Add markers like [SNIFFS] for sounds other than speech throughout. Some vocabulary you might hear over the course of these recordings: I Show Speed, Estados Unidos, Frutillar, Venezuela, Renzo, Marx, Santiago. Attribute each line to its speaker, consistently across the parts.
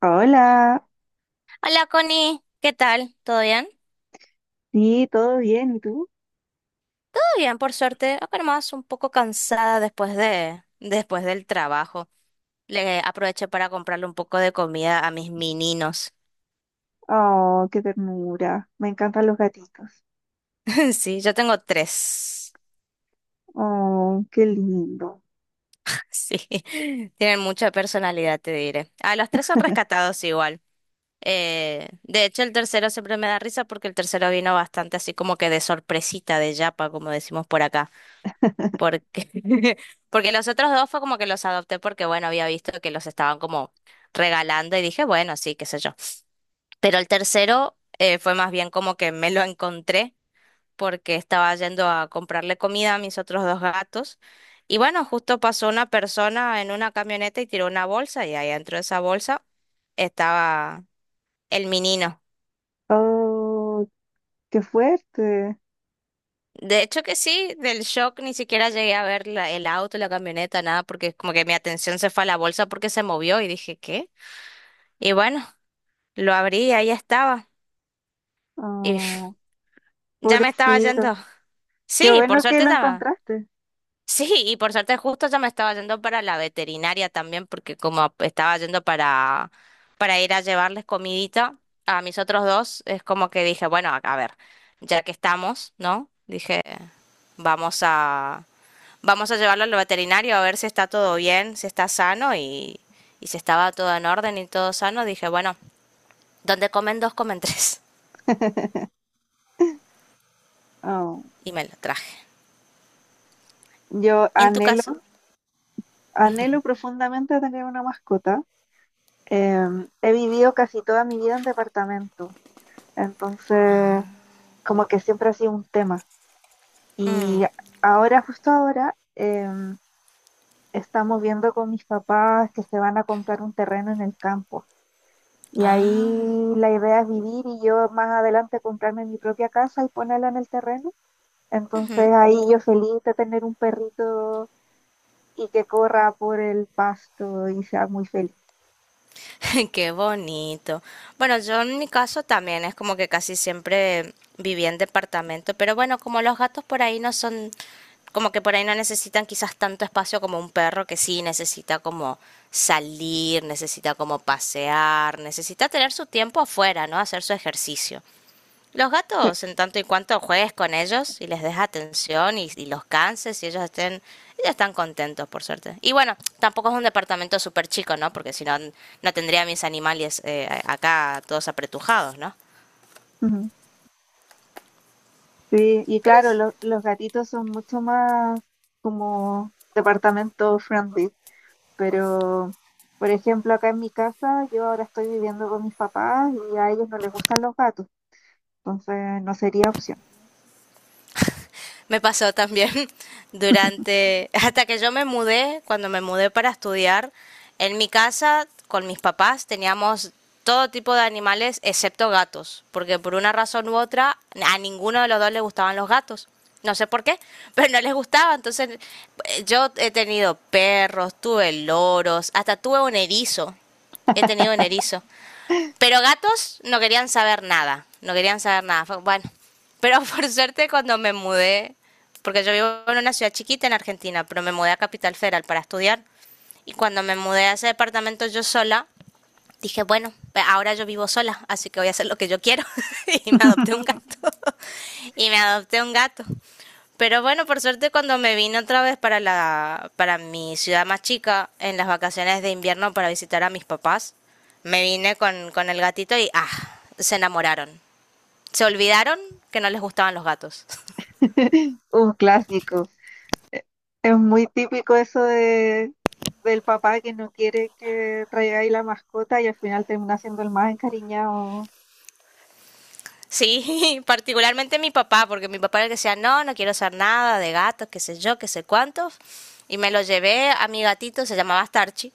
Speaker 1: Hola,
Speaker 2: Hola Connie, ¿qué tal? ¿Todo bien? Todo
Speaker 1: sí, todo bien, ¿y tú?
Speaker 2: bien, por suerte. Acá nomás un poco cansada después del trabajo. Le aproveché para comprarle un poco de comida a mis mininos.
Speaker 1: Oh, qué ternura, me encantan los gatitos.
Speaker 2: [LAUGHS] Sí, yo tengo tres.
Speaker 1: Oh, qué lindo.
Speaker 2: [LAUGHS] Sí, tienen mucha personalidad, te diré. A los tres son rescatados igual. De hecho, el tercero siempre me da risa porque el tercero vino bastante así como que de sorpresita, de yapa, como decimos por acá.
Speaker 1: [LAUGHS]
Speaker 2: porque, [LAUGHS] Porque los otros dos fue como que los adopté porque, bueno, había visto que los estaban como regalando y dije, bueno, sí, qué sé yo. Pero el tercero fue más bien como que me lo encontré porque estaba yendo a comprarle comida a mis otros dos gatos. Y bueno, justo pasó una persona en una camioneta y tiró una bolsa y ahí dentro de esa bolsa estaba el menino.
Speaker 1: Oh, qué fuerte.
Speaker 2: De hecho que sí, del shock ni siquiera llegué a ver el auto, la camioneta, nada, porque como que mi atención se fue a la bolsa porque se movió y dije, ¿qué? Y bueno, lo abrí y ahí estaba. Y
Speaker 1: Oh,
Speaker 2: [SNIFFS] ya me estaba
Speaker 1: pobrecito.
Speaker 2: yendo.
Speaker 1: Qué
Speaker 2: Sí, por
Speaker 1: bueno que
Speaker 2: suerte
Speaker 1: lo
Speaker 2: ya me...
Speaker 1: encontraste.
Speaker 2: Sí, y por suerte justo ya me estaba yendo para la veterinaria también, porque como estaba yendo para ir a llevarles comidita a mis otros dos, es como que dije, bueno, a ver, ya que estamos, ¿no? Dije, vamos a, vamos a llevarlo al veterinario a ver si está todo bien, si está sano y si estaba todo en orden y todo sano. Dije, bueno, donde comen dos, comen tres. [LAUGHS]
Speaker 1: [LAUGHS] Oh,
Speaker 2: Y me lo traje.
Speaker 1: yo
Speaker 2: ¿Y en tu
Speaker 1: anhelo,
Speaker 2: caso?
Speaker 1: anhelo profundamente tener una mascota. He vivido casi toda mi vida en departamento, entonces como que siempre ha sido un tema. Y
Speaker 2: Mm.
Speaker 1: ahora, justo ahora, estamos viendo con mis papás que se van a comprar un terreno en el campo. Y ahí la idea es vivir y yo más adelante comprarme mi propia casa y ponerla en el terreno. Entonces ahí yo feliz de tener un perrito y que corra por el pasto y sea muy feliz.
Speaker 2: [LAUGHS] Qué bonito. Bueno, yo en mi caso también es como que casi siempre viví en departamento, pero bueno, como los gatos por ahí no son, como que por ahí no necesitan quizás tanto espacio como un perro que sí necesita como salir, necesita como pasear, necesita tener su tiempo afuera, ¿no? Hacer su ejercicio. Los
Speaker 1: Cl-
Speaker 2: gatos, en tanto y cuanto juegues con ellos y les des atención y los canses y ellos están contentos, por suerte. Y bueno, tampoco es un departamento súper chico, ¿no? Porque si no, no tendría mis animales acá todos apretujados, ¿no?
Speaker 1: Ujú. Sí, y
Speaker 2: Pero
Speaker 1: claro,
Speaker 2: es
Speaker 1: los gatitos son mucho más como departamento friendly, pero por ejemplo acá en mi casa yo ahora estoy viviendo con mis papás y a ellos no les gustan los gatos. Entonces no sería opción.
Speaker 2: Me pasó también [LAUGHS] durante, hasta que yo me mudé, cuando me mudé para estudiar, en mi casa con mis papás teníamos todo tipo de animales excepto gatos, porque por una razón u otra a ninguno de los dos le gustaban los gatos. No sé por qué, [LAUGHS] pero no les gustaba. Entonces yo he tenido perros, tuve loros, hasta tuve un erizo. He tenido un erizo. Pero gatos no querían saber nada, no querían saber nada. Bueno, pero [LAUGHS] por suerte cuando me mudé, porque yo vivo en una ciudad chiquita en Argentina, pero me mudé a Capital Federal para estudiar. Y cuando me mudé a ese departamento yo sola, dije, bueno, ahora yo vivo sola, así que voy a hacer lo que yo quiero. [LAUGHS] Y me adopté un gato. [LAUGHS] Y me adopté un gato. Pero bueno, por suerte cuando me vine otra vez para mi ciudad más chica en las vacaciones de invierno para visitar a mis papás, me vine con el gatito y ah, se enamoraron. Se olvidaron que no les gustaban los gatos.
Speaker 1: [LAUGHS] Un clásico. Eh, Es muy típico eso de, del papá que no quiere que traigáis la mascota y al final termina siendo el más encariñado.
Speaker 2: Sí, [LAUGHS] particularmente mi papá, porque mi papá era el que decía, no, no quiero hacer nada de gatos, qué sé yo, qué sé cuántos. Y me lo llevé a mi gatito, se llamaba Starchi.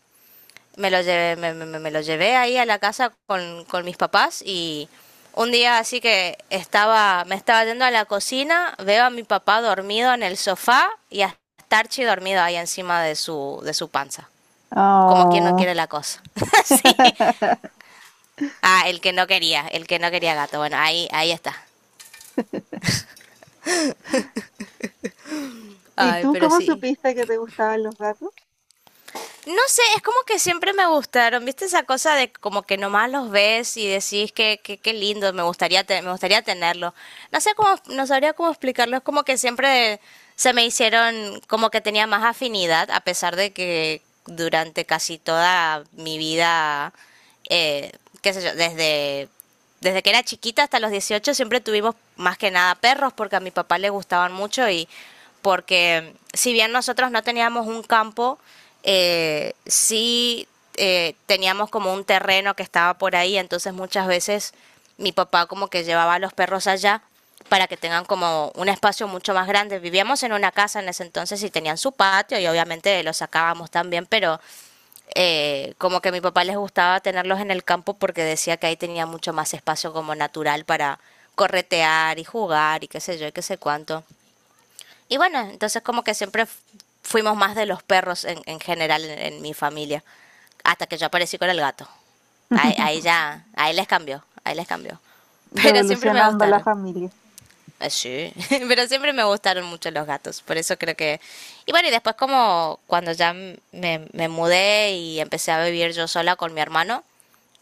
Speaker 2: Me lo llevé, me lo llevé ahí a la casa con mis papás y un día así que estaba, me estaba yendo a la cocina, veo a mi papá dormido en el sofá y a Starchi dormido ahí encima de su panza. Como quien no
Speaker 1: Oh.
Speaker 2: quiere la cosa. [LAUGHS] Sí.
Speaker 1: [LAUGHS]
Speaker 2: Ah, el que no quería, el que no quería gato. Bueno, ahí, ahí está.
Speaker 1: ¿Y
Speaker 2: Ay,
Speaker 1: tú
Speaker 2: pero
Speaker 1: cómo
Speaker 2: sí.
Speaker 1: supiste que te gustaban los gatos?
Speaker 2: No sé, es como que siempre me gustaron, ¿viste esa cosa de como que nomás los ves y decís que qué lindo, me gustaría me gustaría tenerlo. No sé cómo, no sabría cómo explicarlo, es como que siempre se me hicieron como que tenía más afinidad a pesar de que durante casi toda mi vida eh, qué sé yo, desde que era chiquita hasta los 18 siempre tuvimos más que nada perros porque a mi papá le gustaban mucho y porque si bien nosotros no teníamos un campo, sí teníamos como un terreno que estaba por ahí, entonces muchas veces mi papá como que llevaba a los perros allá para que tengan como un espacio mucho más grande. Vivíamos en una casa en ese entonces y tenían su patio y obviamente lo sacábamos también, pero como que a mi papá les gustaba tenerlos en el campo porque decía que ahí tenía mucho más espacio como natural para corretear y jugar y qué sé yo y qué sé cuánto. Y bueno, entonces como que siempre fuimos más de los perros en general en mi familia, hasta que yo aparecí con el gato. Ahí, ahí ya, ahí les cambió, ahí les cambió. [LAUGHS] Pero siempre me
Speaker 1: Revolucionando a la
Speaker 2: gustaron.
Speaker 1: familia.
Speaker 2: Así. [LAUGHS] Pero siempre me gustaron mucho los gatos, por eso creo que... Y bueno, y después como cuando ya me mudé y empecé a vivir yo sola con mi hermano,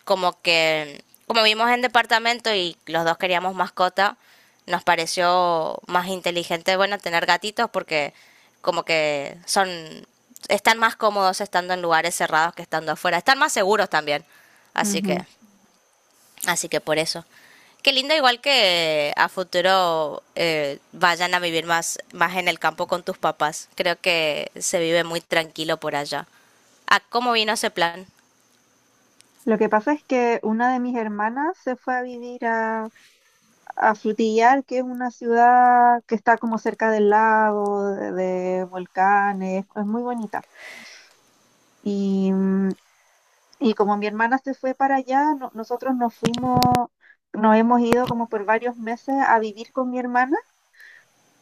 Speaker 2: como que como vivimos en departamento y los dos queríamos mascota, nos pareció más inteligente, bueno, tener gatitos porque como que son, están más cómodos estando en lugares cerrados que estando afuera, están más seguros también. Así que
Speaker 1: Ujú.
Speaker 2: Así que por eso. Qué lindo, igual que a futuro vayan a vivir más, más en el campo con tus papás. Creo que se vive muy tranquilo por allá. Ah, ¿cómo vino ese plan?
Speaker 1: Lo que pasa es que una de mis hermanas se fue a vivir a Frutillar, que es una ciudad que está como cerca del lago, de volcanes, es muy bonita. Y, y como mi hermana se fue para allá, nosotros nos fuimos, nos hemos ido como por varios meses a vivir con mi hermana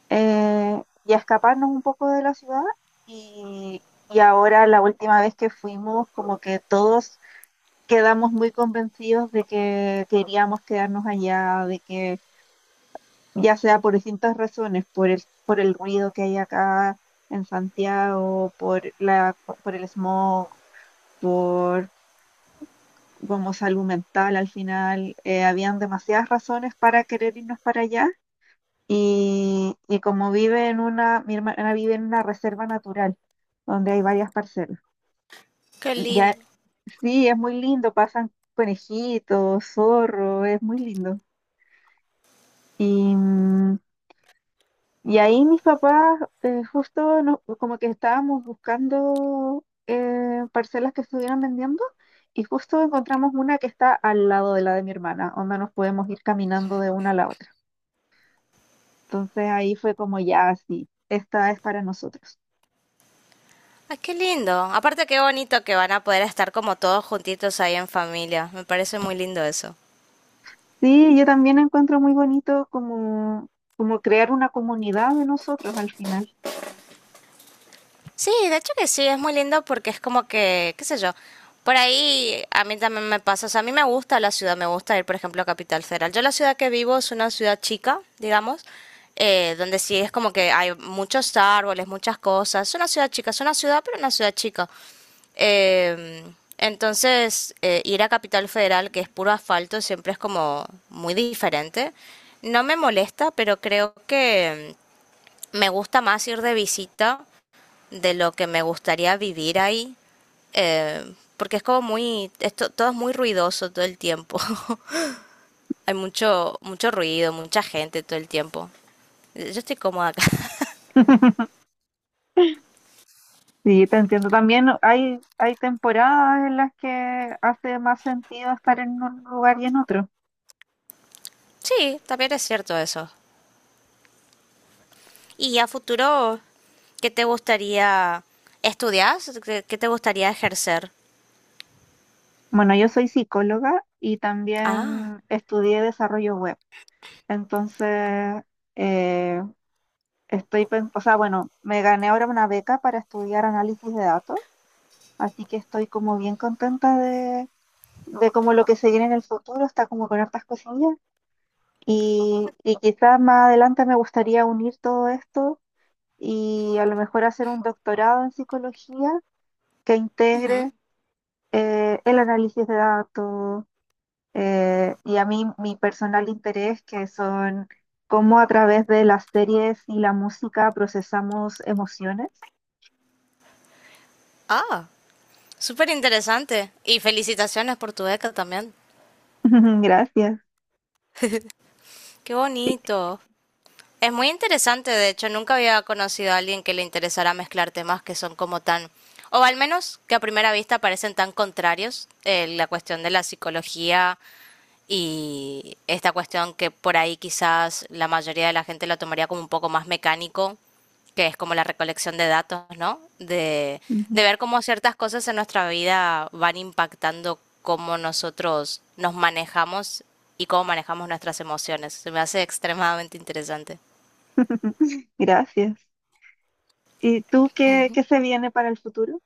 Speaker 1: y a escaparnos un poco de la ciudad. Y ahora la última vez que fuimos, como que todos quedamos muy convencidos de que queríamos quedarnos allá, de que ya sea por distintas razones, por el ruido que hay acá en Santiago, por la, por el smog, como salud mental al final, habían demasiadas razones para querer irnos para allá y como vive en una, mi hermana vive en una reserva natural donde hay varias parcelas.
Speaker 2: Qué
Speaker 1: Ya,
Speaker 2: lindo.
Speaker 1: sí, es muy lindo, pasan conejitos, zorro, es muy lindo. Y, mm. Y ahí mis papás justo como que estábamos buscando parcelas que estuvieran vendiendo y justo encontramos una que está al lado de la de mi hermana, donde nos podemos ir caminando de una a la otra. Entonces ahí fue como ya sí, esta es para nosotros.
Speaker 2: Ay, qué lindo. Aparte, qué bonito que van a poder estar como todos juntitos ahí en familia. Me parece muy lindo eso.
Speaker 1: Sí, yo también encuentro muy bonito como, como crear una comunidad de nosotros al final.
Speaker 2: Sí, de hecho que sí, es muy lindo porque es como que, qué sé yo, por ahí a mí también me pasa, o sea, a mí me gusta la ciudad, me gusta ir, por ejemplo, a Capital Federal. Yo la ciudad que vivo es una ciudad chica, digamos, donde sí es como que hay muchos árboles, muchas cosas. Es una ciudad chica, es una ciudad, pero una ciudad chica. Eh, entonces, ir a Capital Federal, que es puro asfalto, siempre es como muy diferente. No me molesta, pero creo que me gusta más ir de visita de lo que me gustaría vivir ahí, porque es como muy, esto, todo es muy ruidoso todo el tiempo. [LAUGHS] Hay mucho, mucho ruido, mucha gente todo el tiempo. Yo estoy cómoda acá. [LAUGHS]
Speaker 1: Sí, te entiendo. También hay temporadas en las que hace más sentido estar en un lugar y en otro.
Speaker 2: Sí, también es cierto eso. ¿Y a futuro qué te gustaría estudiar? ¿Qué te gustaría ejercer?
Speaker 1: Bueno, yo soy psicóloga y
Speaker 2: Ah,
Speaker 1: también estudié desarrollo web. Entonces, eh, estoy, o sea, bueno, me gané ahora una beca para estudiar análisis de datos, así que estoy como bien contenta de como lo que se viene en el futuro, está como con hartas cosillas. Y quizás más adelante me gustaría unir todo esto y a lo mejor hacer un doctorado en psicología que
Speaker 2: ujú.
Speaker 1: integre el análisis de datos y a mí mi personal interés, que son cómo a través de las series y la música procesamos emociones.
Speaker 2: Ah, súper interesante. Y felicitaciones por tu beca también.
Speaker 1: [LAUGHS] Gracias.
Speaker 2: Qué
Speaker 1: Y-
Speaker 2: bonito. Es muy interesante, de hecho, nunca había conocido a alguien que le interesara mezclar temas que son como o al menos que a primera vista parecen tan contrarios, la cuestión de la psicología y esta cuestión que por ahí quizás la mayoría de la gente lo tomaría como un poco más mecánico, que es como la recolección de datos, ¿no? De
Speaker 1: Ujú.
Speaker 2: ver cómo ciertas cosas en nuestra vida van impactando cómo nosotros nos manejamos y cómo manejamos nuestras emociones. Se me hace extremadamente interesante.
Speaker 1: [LAUGHS] Gracias. ¿Y tú qué, qué se viene para el futuro?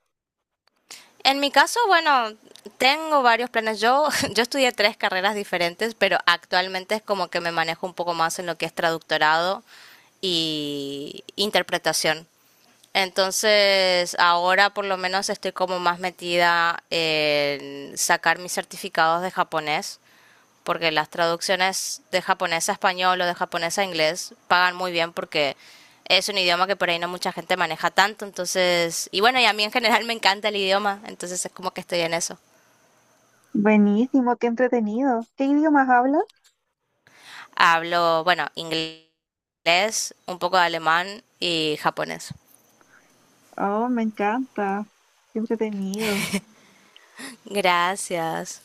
Speaker 2: En mi caso, bueno, tengo varios planes. Yo, [LAUGHS] yo estudié tres carreras diferentes, pero actualmente es como que me manejo un poco más en lo que es traductorado y interpretación. Entonces, ahora por lo menos estoy como más metida en sacar mis certificados de japonés porque las traducciones de japonés a español o de japonés a inglés pagan muy bien porque es un idioma que por ahí no mucha gente maneja tanto, entonces, y bueno, y a mí en general me encanta el idioma, entonces es como que estoy en eso.
Speaker 1: Buenísimo, qué entretenido. ¿Qué idiomas hablas?
Speaker 2: Hablo, bueno, inglés, un poco de alemán y japonés.
Speaker 1: Oh, me encanta. Qué entretenido.
Speaker 2: Gracias.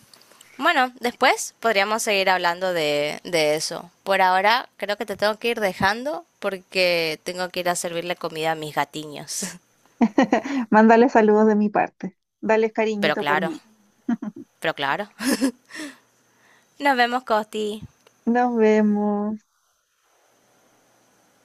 Speaker 2: Bueno, después podríamos seguir hablando de eso. Por ahora creo que te tengo que ir dejando porque tengo que ir a servirle comida a mis gatiños.
Speaker 1: [LAUGHS] Mándale saludos de mi parte. Dale
Speaker 2: [LAUGHS] Pero
Speaker 1: cariñito por
Speaker 2: claro,
Speaker 1: mí.
Speaker 2: pero claro. Nos vemos, Costi.
Speaker 1: Nos vemos.